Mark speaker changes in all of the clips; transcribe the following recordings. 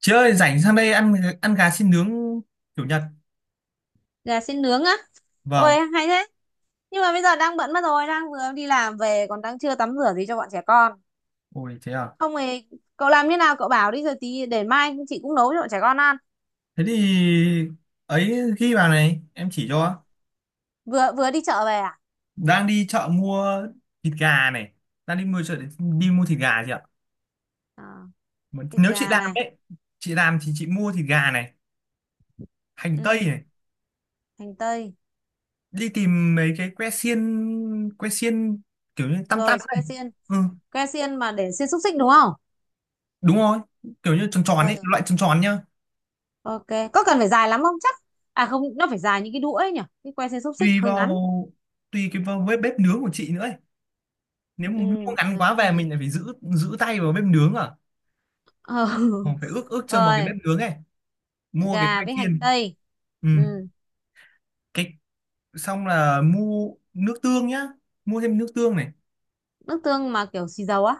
Speaker 1: Chị ơi, rảnh sang đây ăn ăn gà xiên nướng kiểu Nhật.
Speaker 2: Gà xin nướng á.
Speaker 1: Vâng.
Speaker 2: Ôi hay thế. Nhưng mà bây giờ đang bận mất rồi, đang vừa đi làm về, còn đang chưa tắm rửa gì cho bọn trẻ con.
Speaker 1: Ôi thế à.
Speaker 2: Không thì cậu làm như nào cậu bảo đi rồi tí để mai chị cũng nấu cho bọn trẻ con ăn.
Speaker 1: Thế thì ấy ghi vào này, em chỉ cho.
Speaker 2: Vừa vừa đi chợ về à?
Speaker 1: Đang đi chợ mua thịt gà này. Đang đi mua chợ để đi mua thịt gà chị ạ.
Speaker 2: À,
Speaker 1: Mà
Speaker 2: thịt
Speaker 1: nếu chị
Speaker 2: gà
Speaker 1: làm
Speaker 2: này.
Speaker 1: ấy, chị làm thì chị mua thịt gà này, hành tây
Speaker 2: Ừ,
Speaker 1: này,
Speaker 2: hành tây.
Speaker 1: đi tìm mấy cái que xiên kiểu như tăm tăm
Speaker 2: Rồi
Speaker 1: này.
Speaker 2: que xiên,
Speaker 1: Ừ,
Speaker 2: que xiên mà để xiên xúc xích đúng không.
Speaker 1: đúng rồi, kiểu như tròn tròn
Speaker 2: Ừ,
Speaker 1: ấy, loại tròn tròn nhá.
Speaker 2: ok. Có cần phải dài lắm không chắc. À không, nó phải dài như cái đũa ấy nhỉ, cái que xiên xúc xích
Speaker 1: Tùy
Speaker 2: hơi
Speaker 1: vào
Speaker 2: ngắn.
Speaker 1: tùy vào bếp bếp nướng của chị nữa, nếu mà
Speaker 2: Ừ.
Speaker 1: mua ngắn
Speaker 2: Gà
Speaker 1: quá
Speaker 2: xiên
Speaker 1: về mình
Speaker 2: nướng.
Speaker 1: lại phải giữ giữ tay vào bếp nướng à,
Speaker 2: Ờ,
Speaker 1: còn phải ước ước chừng vào cái
Speaker 2: rồi.
Speaker 1: bếp nướng ấy mua cái
Speaker 2: Gà
Speaker 1: que
Speaker 2: với hành
Speaker 1: xiên.
Speaker 2: tây.
Speaker 1: Ừ,
Speaker 2: Ừ.
Speaker 1: cái xong là mua nước tương nhá, mua thêm nước tương này,
Speaker 2: Nước tương mà kiểu xì dầu á?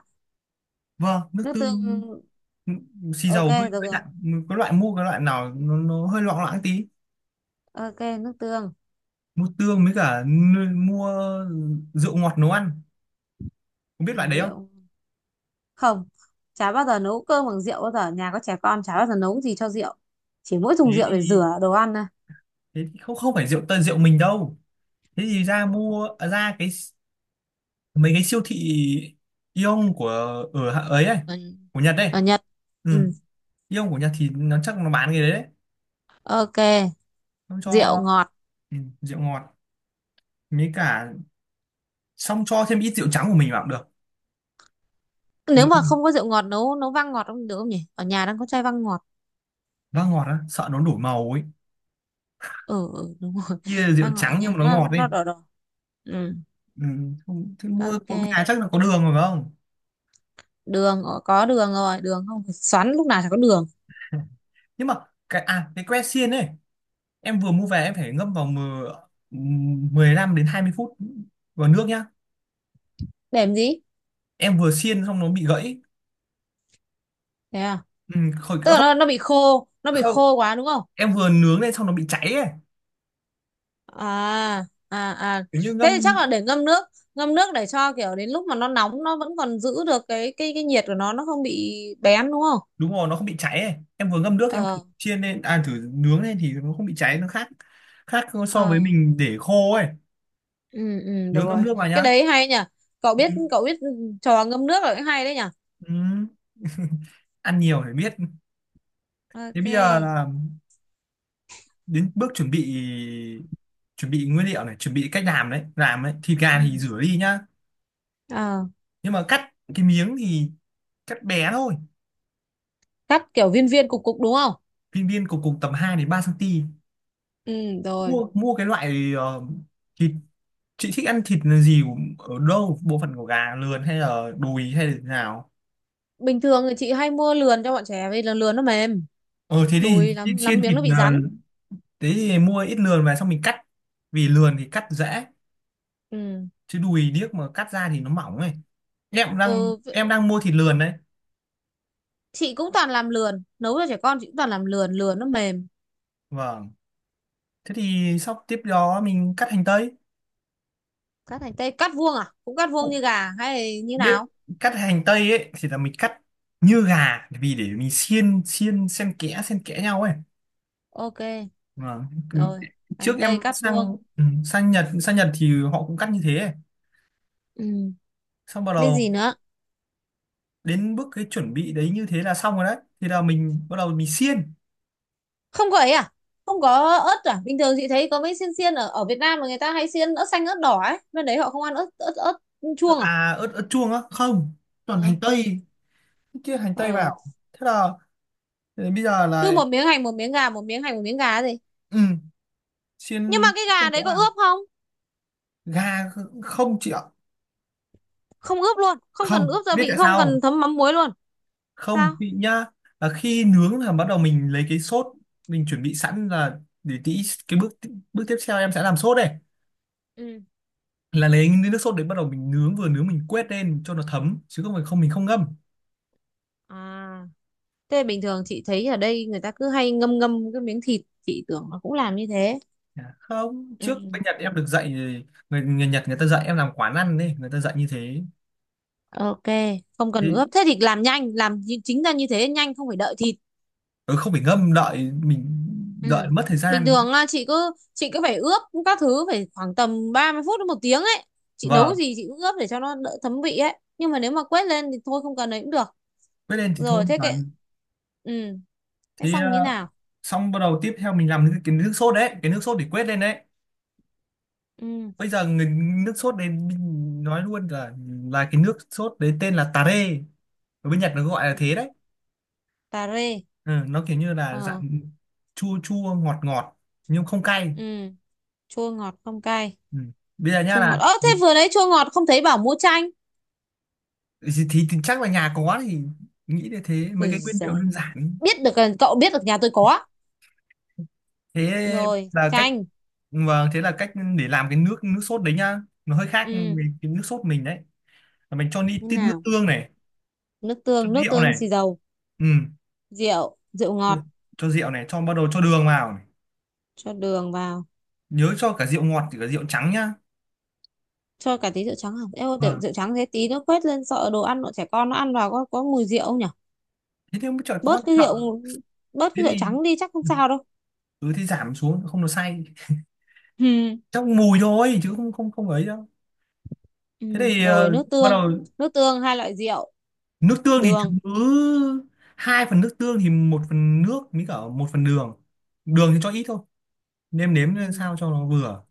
Speaker 1: vâng, nước
Speaker 2: Nước tương.
Speaker 1: tương. Ừ, xì dầu
Speaker 2: Ok,
Speaker 1: hơi
Speaker 2: được
Speaker 1: hơi
Speaker 2: rồi.
Speaker 1: đặn. Có loại mua cái loại nào nó hơi loãng loãng tí.
Speaker 2: Ok, nước tương.
Speaker 1: Mua tương với cả mua rượu ngọt nấu ăn, không biết loại đấy không.
Speaker 2: Rượu. Không, chả bao giờ nấu cơm bằng rượu bao giờ, nhà có trẻ con chả bao giờ nấu gì cho rượu. Chỉ mỗi
Speaker 1: Thế
Speaker 2: dùng rượu để
Speaker 1: thì
Speaker 2: rửa đồ ăn thôi.
Speaker 1: thế thì không không phải rượu tây rượu mình đâu. Thế thì ra cái mấy cái siêu thị Aeon của ở hạ- ấy ấy
Speaker 2: ở,
Speaker 1: của Nhật đây.
Speaker 2: ở Nhật.
Speaker 1: Ừ.
Speaker 2: Ừ.
Speaker 1: Aeon của Nhật thì nó chắc nó bán cái đấy đấy.
Speaker 2: Ok,
Speaker 1: Nó cho
Speaker 2: rượu ngọt.
Speaker 1: ừ, rượu ngọt, mấy cả xong cho thêm ít rượu trắng của mình vào cũng được.
Speaker 2: Nếu mà
Speaker 1: Rượu
Speaker 2: không có rượu ngọt nấu nấu vang ngọt không được không nhỉ, ở nhà đang có chai vang ngọt.
Speaker 1: vang ngọt á sợ nó đổi màu ấy.
Speaker 2: Ừ, ừ, đúng rồi.
Speaker 1: Kia là rượu
Speaker 2: Vang ngọt ở
Speaker 1: trắng nhưng
Speaker 2: nhà
Speaker 1: mà nó
Speaker 2: nó
Speaker 1: ngọt ấy.
Speaker 2: nó đỏ đỏ. Ừ.
Speaker 1: Ừ. Thế mua có
Speaker 2: Ok,
Speaker 1: nhà chắc là có đường rồi phải không.
Speaker 2: đường có đường rồi, đường không phải xoắn lúc nào chả có đường.
Speaker 1: Nhưng mà cái que xiên ấy em vừa mua về em phải ngâm vào ừ, 15 đến 20 phút vào nước nhá.
Speaker 2: Để làm gì.
Speaker 1: Em vừa xiên xong nó bị gãy.
Speaker 2: Thế à.
Speaker 1: Ừ, khỏi
Speaker 2: Tức là
Speaker 1: không.
Speaker 2: nó bị
Speaker 1: Không,
Speaker 2: khô quá đúng không.
Speaker 1: em vừa nướng lên xong nó bị cháy ấy,
Speaker 2: À, à, à,
Speaker 1: kiểu như
Speaker 2: thế thì
Speaker 1: ngâm.
Speaker 2: chắc là để ngâm nước. Ngâm nước để cho kiểu đến lúc mà nó nóng nó vẫn còn giữ được cái nhiệt của nó không bị bén đúng không.
Speaker 1: Đúng rồi, nó không bị cháy ấy, em vừa ngâm nước em thử
Speaker 2: Ờ.
Speaker 1: chiên lên, à thử nướng lên thì nó không bị cháy, nó khác, khác so với
Speaker 2: Ờ.
Speaker 1: mình để khô ấy.
Speaker 2: Ừ, ừ, được
Speaker 1: Nhớ ngâm
Speaker 2: rồi.
Speaker 1: nước vào
Speaker 2: Cái
Speaker 1: nhá.
Speaker 2: đấy hay nhỉ. cậu
Speaker 1: Ừ.
Speaker 2: biết cậu biết trò ngâm nước là cái hay đấy nhỉ.
Speaker 1: Ừ. Ăn nhiều để biết. Thế bây giờ
Speaker 2: Ok.
Speaker 1: là đến bước chuẩn bị, chuẩn bị nguyên liệu này, chuẩn bị cách làm đấy. Thịt gà thì
Speaker 2: Ừ.
Speaker 1: rửa đi nhá,
Speaker 2: Ờ.
Speaker 1: nhưng mà cắt cái miếng thì cắt bé thôi,
Speaker 2: Cắt kiểu viên viên cục cục đúng không.
Speaker 1: viên viên cục cục tầm hai đến 3 cm.
Speaker 2: Ừ, rồi.
Speaker 1: Mua mua cái loại thịt, chị thích ăn thịt là gì, ở đâu bộ phận của gà, lườn hay là đùi hay là thế nào.
Speaker 2: Bình thường thì chị hay mua lườn cho bọn trẻ vì là lườn nó mềm.
Speaker 1: Ờ thế thì
Speaker 2: Đùi
Speaker 1: xiên
Speaker 2: lắm lắm
Speaker 1: xiên
Speaker 2: miếng
Speaker 1: thịt
Speaker 2: nó bị rắn.
Speaker 1: thế thì mua ít lườn về xong mình cắt, vì lườn thì cắt dễ
Speaker 2: Ừ,
Speaker 1: chứ đùi điếc mà cắt ra thì nó mỏng ấy. em cũng đang
Speaker 2: ừ,
Speaker 1: em đang mua thịt lườn đấy.
Speaker 2: chị cũng toàn làm lườn nấu cho trẻ con, chị cũng toàn làm lườn, lườn nó mềm.
Speaker 1: Vâng, thế thì sau tiếp đó mình cắt hành tây.
Speaker 2: Cắt hành tây cắt vuông à, cũng cắt vuông
Speaker 1: Ụ,
Speaker 2: như gà hay như
Speaker 1: biết,
Speaker 2: nào.
Speaker 1: cắt hành tây ấy thì là mình cắt như gà vì để mình xiên xiên xen kẽ nhau ấy.
Speaker 2: Ok,
Speaker 1: Vâng.
Speaker 2: rồi,
Speaker 1: Trước
Speaker 2: hành
Speaker 1: em
Speaker 2: tây cắt vuông.
Speaker 1: sang Nhật thì họ cũng cắt như thế.
Speaker 2: Ừ.
Speaker 1: Xong bắt
Speaker 2: Biết
Speaker 1: đầu
Speaker 2: gì nữa.
Speaker 1: đến bước cái chuẩn bị đấy, như thế là xong rồi đấy, thì là mình bắt đầu mình xiên.
Speaker 2: Không có ấy à, không có ớt à? Bình thường chị thấy có mấy xiên xiên ở ở Việt Nam mà người ta hay xiên ớt xanh ớt đỏ ấy, bên đấy họ không ăn ớt ớt ớt chuông à?
Speaker 1: À, ớt ớt chuông á, không, toàn
Speaker 2: Ờ.
Speaker 1: hành tây, kia hành tây
Speaker 2: Ờ.
Speaker 1: vào. Thế là thế bây giờ
Speaker 2: Cứ
Speaker 1: là
Speaker 2: một miếng hành một miếng gà một miếng hành một miếng gà gì.
Speaker 1: ừ,
Speaker 2: Nhưng mà
Speaker 1: xiên
Speaker 2: cái
Speaker 1: xiên
Speaker 2: gà đấy
Speaker 1: cái
Speaker 2: có
Speaker 1: nào,
Speaker 2: ướp không?
Speaker 1: gà, không chị ạ,
Speaker 2: Không ướp luôn không cần
Speaker 1: không
Speaker 2: ướp gia
Speaker 1: biết
Speaker 2: vị
Speaker 1: tại
Speaker 2: không
Speaker 1: sao không.
Speaker 2: cần thấm mắm muối luôn. Sao?
Speaker 1: Không, chị nhá, là khi nướng là bắt đầu mình lấy cái sốt, mình chuẩn bị sẵn là để tí, cái bước bước tiếp theo em sẽ làm sốt đây,
Speaker 2: Ừ.
Speaker 1: là lấy nước sốt đấy bắt đầu mình nướng, vừa nướng mình quét lên cho nó thấm chứ không phải không, mình không ngâm.
Speaker 2: À, thế bình thường chị thấy ở đây người ta cứ hay ngâm ngâm cái miếng thịt, chị tưởng nó cũng làm như thế.
Speaker 1: Dạ, không,
Speaker 2: Ừ.
Speaker 1: trước bên Nhật em được dạy, người Nhật người ta dạy em làm quán ăn đấy, người ta dạy như thế.
Speaker 2: Ok, không cần
Speaker 1: Thế-
Speaker 2: ướp. Thế thì làm nhanh, chính ra như thế nhanh không phải đợi thịt.
Speaker 1: ừ, không phải ngâm đợi, mình
Speaker 2: Ừ.
Speaker 1: đợi mất thời
Speaker 2: Bình
Speaker 1: gian.
Speaker 2: thường là chị cứ phải ướp các thứ phải khoảng tầm 30 phút đến 1 tiếng ấy. Chị nấu cái
Speaker 1: Vâng,
Speaker 2: gì chị cũng ướp để cho nó đỡ thấm vị ấy. Nhưng mà nếu mà quét lên thì thôi không cần ấy cũng được.
Speaker 1: quét lên thì thôi
Speaker 2: Rồi thế
Speaker 1: mà.
Speaker 2: cái, ừ, thế
Speaker 1: Thế
Speaker 2: xong như nào?
Speaker 1: xong bắt đầu tiếp theo mình làm cái nước sốt đấy, cái nước sốt để quét lên đấy.
Speaker 2: Ừ.
Speaker 1: Bây giờ nước sốt đấy mình nói luôn là cái nước sốt đấy tên là tare, ở bên Nhật nó gọi là
Speaker 2: Ừ.
Speaker 1: thế đấy.
Speaker 2: Cà rê.
Speaker 1: Ừ, nó kiểu như là dạng
Speaker 2: Ờ.
Speaker 1: chua chua ngọt ngọt nhưng không cay.
Speaker 2: Ừ, chua ngọt không cay.
Speaker 1: Ừ. Bây giờ nhá,
Speaker 2: Chua ngọt,
Speaker 1: là
Speaker 2: ơ thế vừa nãy chua ngọt không thấy bảo mua chanh.
Speaker 1: thì chắc là nhà có thì nghĩ là thế, mấy
Speaker 2: Ui
Speaker 1: cái nguyên liệu
Speaker 2: giời,
Speaker 1: đơn giản.
Speaker 2: biết được, cậu biết được nhà tôi có.
Speaker 1: thế
Speaker 2: Rồi
Speaker 1: là cách
Speaker 2: chanh.
Speaker 1: vâng thế là cách để làm cái nước nước sốt đấy nhá, nó hơi khác
Speaker 2: Ừ.
Speaker 1: về cái nước sốt mình đấy. Là mình cho đi
Speaker 2: Thế
Speaker 1: tí nước
Speaker 2: nào?
Speaker 1: tương này,
Speaker 2: Nước
Speaker 1: cho
Speaker 2: tương, nước
Speaker 1: rượu
Speaker 2: tương
Speaker 1: này.
Speaker 2: xì dầu.
Speaker 1: Ừ.
Speaker 2: Rượu, rượu
Speaker 1: cho
Speaker 2: ngọt.
Speaker 1: cho rượu này, bắt đầu cho đường vào này.
Speaker 2: Cho đường vào.
Speaker 1: Nhớ cho cả rượu ngọt thì cả rượu trắng nhá.
Speaker 2: Cho cả tí rượu trắng không em, rượu,
Speaker 1: Vâng.
Speaker 2: rượu trắng thế tí nó quét lên sợ đồ ăn bọn trẻ con nó ăn vào có mùi rượu không nhỉ.
Speaker 1: Thế thì mới trời
Speaker 2: bớt
Speaker 1: con
Speaker 2: cái
Speaker 1: sợ.
Speaker 2: rượu bớt
Speaker 1: Thế
Speaker 2: cái rượu
Speaker 1: thì
Speaker 2: trắng đi chắc không sao đâu.
Speaker 1: ừ, thế giảm xuống không nó say,
Speaker 2: Ừ.
Speaker 1: chắc mùi thôi chứ không không không ấy đâu.
Speaker 2: Ừ,
Speaker 1: Thế thì
Speaker 2: rồi. Nước
Speaker 1: bắt
Speaker 2: tương,
Speaker 1: đầu
Speaker 2: nước tương hai loại rượu
Speaker 1: nước tương thì
Speaker 2: đường.
Speaker 1: cứ hai phần nước tương thì một phần nước với cả một phần đường, đường thì cho ít thôi, nêm nếm lên
Speaker 2: Ừ.
Speaker 1: sao cho nó vừa.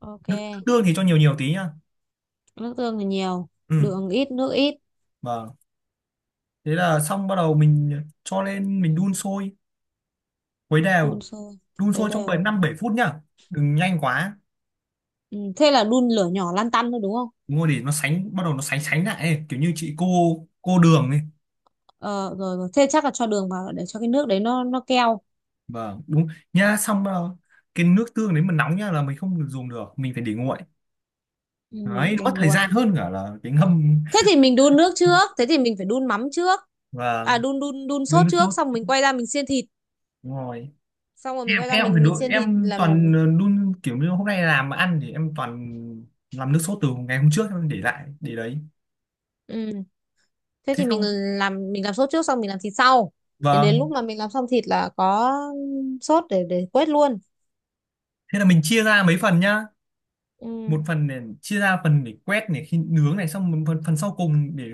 Speaker 2: Ok.
Speaker 1: Nước tương thì cho nhiều nhiều tí nhá.
Speaker 2: Nước tương thì nhiều,
Speaker 1: Ừ.
Speaker 2: đường ít, nước ít.
Speaker 1: Vâng, thế là xong bắt đầu mình cho lên mình đun sôi, khuấy
Speaker 2: Đun
Speaker 1: đều,
Speaker 2: sôi
Speaker 1: đun
Speaker 2: với
Speaker 1: sôi trong bảy
Speaker 2: đều.
Speaker 1: năm bảy phút nhá, đừng nhanh quá.
Speaker 2: Ừ. Thế là đun lửa nhỏ lăn tăn thôi đúng không.
Speaker 1: Đúng rồi, để nó sánh bắt đầu nó sánh sánh lại ấy, kiểu như chị cô đường ấy.
Speaker 2: Ờ, rồi, rồi, thế chắc là cho đường vào để cho cái nước đấy nó keo.
Speaker 1: Vâng, đúng nha. Xong cái nước tương đấy mà nóng nha là mình không được dùng được, mình phải để nguội,
Speaker 2: Ừ,
Speaker 1: đấy
Speaker 2: để
Speaker 1: mất thời
Speaker 2: nguội.
Speaker 1: gian hơn cả là cái ngâm
Speaker 2: Thế thì mình đun nước trước, thế thì mình phải đun mắm trước.
Speaker 1: và
Speaker 2: À, đun đun đun
Speaker 1: đun
Speaker 2: sốt
Speaker 1: nước
Speaker 2: trước
Speaker 1: sốt.
Speaker 2: xong mình quay ra mình xiên thịt.
Speaker 1: Đúng rồi,
Speaker 2: Xong rồi mình
Speaker 1: em
Speaker 2: quay ra
Speaker 1: em phải
Speaker 2: mình
Speaker 1: đun,
Speaker 2: xiên thịt
Speaker 1: em
Speaker 2: làm.
Speaker 1: toàn đun, kiểu như hôm nay làm mà ăn thì em toàn làm nước sốt từ ngày hôm trước em để lại để đấy.
Speaker 2: Ừ. Thế
Speaker 1: Thế
Speaker 2: thì mình
Speaker 1: xong.
Speaker 2: làm mình làm sốt trước xong mình làm thịt sau. Đến đến lúc
Speaker 1: Vâng,
Speaker 2: mà mình làm xong thịt là có sốt để quết luôn.
Speaker 1: thế là mình chia ra mấy phần nhá, một
Speaker 2: Ừ.
Speaker 1: phần để chia ra phần để quét này khi nướng này, xong một phần phần sau cùng để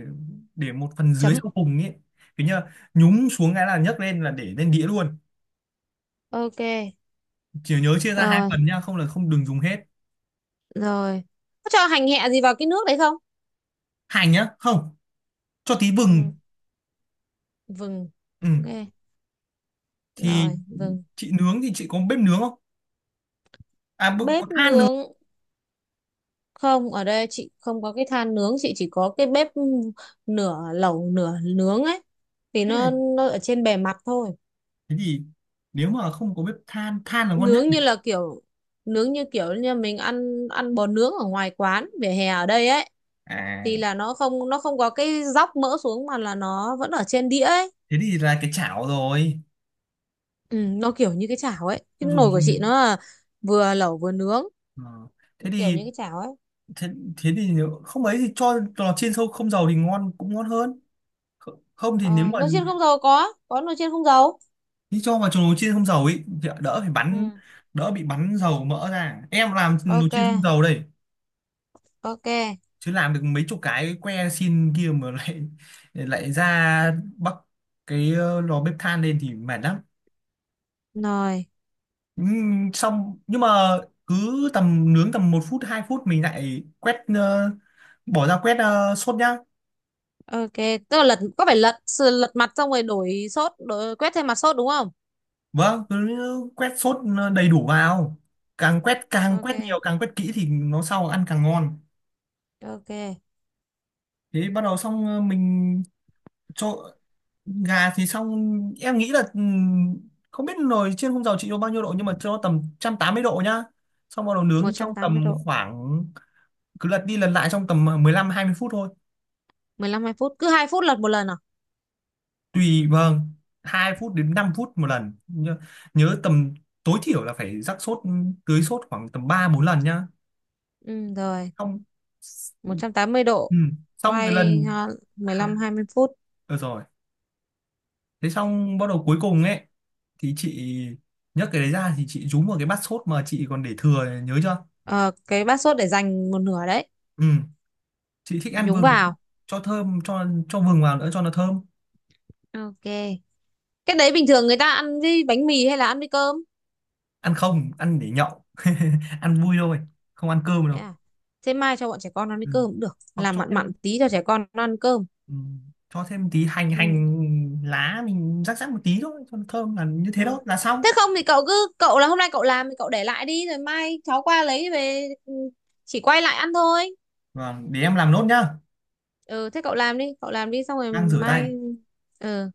Speaker 1: để một phần dưới
Speaker 2: Chấm.
Speaker 1: sau cùng ấy, kiểu như là nhúng xuống cái là nhấc lên là để lên đĩa luôn.
Speaker 2: Ok.
Speaker 1: Chỉ nhớ chia ra hai
Speaker 2: Rồi,
Speaker 1: phần nhá, không là không đừng dùng hết.
Speaker 2: rồi, có cho hành hẹ gì vào cái nước đấy không.
Speaker 1: Hành nhá, không, cho tí vừng.
Speaker 2: Ừ. Vừng.
Speaker 1: Ừ.
Speaker 2: Ok,
Speaker 1: Thì
Speaker 2: rồi, vừng.
Speaker 1: chị nướng thì chị có bếp nướng không, à có
Speaker 2: Bếp
Speaker 1: than nướng,
Speaker 2: nướng. Không, ở đây chị không có cái than nướng, chị chỉ có cái bếp nửa lẩu nửa nướng ấy, thì
Speaker 1: hay
Speaker 2: nó
Speaker 1: là
Speaker 2: nó ở trên bề mặt thôi.
Speaker 1: thế thì nếu mà không có bếp than, than là ngon nhất
Speaker 2: nướng
Speaker 1: này.
Speaker 2: như là kiểu nướng như kiểu như mình ăn ăn bò nướng ở ngoài quán vỉa hè ở đây ấy, thì
Speaker 1: À
Speaker 2: là nó không có cái dóc mỡ xuống mà là nó vẫn ở trên đĩa ấy.
Speaker 1: thế thì là cái chảo rồi.
Speaker 2: Ừ, nó kiểu như cái chảo ấy, cái
Speaker 1: Không dùng
Speaker 2: nồi của chị
Speaker 1: dùng
Speaker 2: nó là vừa lẩu vừa nướng,
Speaker 1: Ờ. thế
Speaker 2: kiểu
Speaker 1: thì
Speaker 2: như cái chảo ấy.
Speaker 1: thế, thế thì nếu không ấy thì cho lò chiên sâu không dầu thì ngon cũng ngon hơn. Không không thì nếu
Speaker 2: Ờ,
Speaker 1: mà
Speaker 2: nồi chiên không dầu có nồi chiên không dầu.
Speaker 1: thì cho vào lò chiên không dầu ấy thì đỡ phải bắn,
Speaker 2: Ừ.
Speaker 1: đỡ bị bắn dầu mỡ ra, em làm nồi
Speaker 2: Ok,
Speaker 1: chiên không dầu đây,
Speaker 2: ok.
Speaker 1: chứ làm được mấy chục cái que xin kia mà lại lại ra bắc cái lò bếp than lên thì mệt lắm.
Speaker 2: Rồi,
Speaker 1: Xong nhưng mà cứ tầm nướng tầm một phút 2 phút mình lại quét bỏ ra quét sốt nhá.
Speaker 2: ok. Tức là lật, có phải lật sự lật mặt xong rồi đổi sốt, đổi quét thêm mặt sốt đúng không?
Speaker 1: Vâng, cứ quét sốt đầy đủ vào, càng quét
Speaker 2: Ok,
Speaker 1: nhiều càng quét kỹ thì nó sau ăn càng ngon.
Speaker 2: ok.
Speaker 1: Thế bắt đầu xong mình cho gà thì xong, em nghĩ là không biết nồi chiên không dầu chị cho bao nhiêu độ nhưng mà cho tầm 180 độ nhá. Xong bắt đầu
Speaker 2: một
Speaker 1: nướng
Speaker 2: trăm
Speaker 1: trong
Speaker 2: tám mươi
Speaker 1: tầm
Speaker 2: độ,
Speaker 1: khoảng, cứ lật đi lật lại trong tầm 15 20 phút thôi.
Speaker 2: 15 2 phút, cứ 2 phút lật một lần à?
Speaker 1: Tùy, vâng, 2 phút đến 5 phút một lần, nhớ tầm tối thiểu là phải rắc sốt, tưới sốt khoảng tầm 3 4 lần nhá.
Speaker 2: Ừ, rồi,
Speaker 1: Xong
Speaker 2: 180 độ.
Speaker 1: ừm, xong cái
Speaker 2: Quay
Speaker 1: lần,
Speaker 2: à, mười lăm
Speaker 1: à,
Speaker 2: hai mươi phút.
Speaker 1: được rồi. Thế xong bắt đầu cuối cùng ấy thì chị nhấc cái đấy ra thì chị rúm vào cái bát sốt mà chị còn để thừa, nhớ chưa.
Speaker 2: Ờ, cái bát sốt để dành một nửa đấy,
Speaker 1: Ừ, chị thích ăn
Speaker 2: nhúng
Speaker 1: vừng cho,
Speaker 2: vào.
Speaker 1: cho thơm, cho vừng vào nữa cho nó thơm.
Speaker 2: Ok. Cái đấy bình thường người ta ăn với bánh mì hay là ăn với cơm?
Speaker 1: Ăn không, ăn để nhậu ăn vui thôi, không ăn cơm
Speaker 2: Thế
Speaker 1: đâu.
Speaker 2: à? Thế mai cho bọn trẻ con ăn với
Speaker 1: Ừ.
Speaker 2: cơm cũng được,
Speaker 1: Hoặc
Speaker 2: làm
Speaker 1: cho
Speaker 2: mặn
Speaker 1: thêm
Speaker 2: mặn tí cho trẻ con nó ăn cơm.
Speaker 1: ừ. cho thêm tí hành
Speaker 2: Ừ.
Speaker 1: hành lá mình rắc rắc một tí thôi cho nó thơm là như thế,
Speaker 2: Ừ,
Speaker 1: đó là xong.
Speaker 2: thế không thì cậu là hôm nay cậu làm thì cậu để lại đi rồi mai cháu qua lấy về, ừ, chỉ quay lại ăn thôi.
Speaker 1: Và để em làm nốt nhá,
Speaker 2: Ừ, thế cậu làm đi xong rồi
Speaker 1: đang rửa tay.
Speaker 2: mai. Ừ.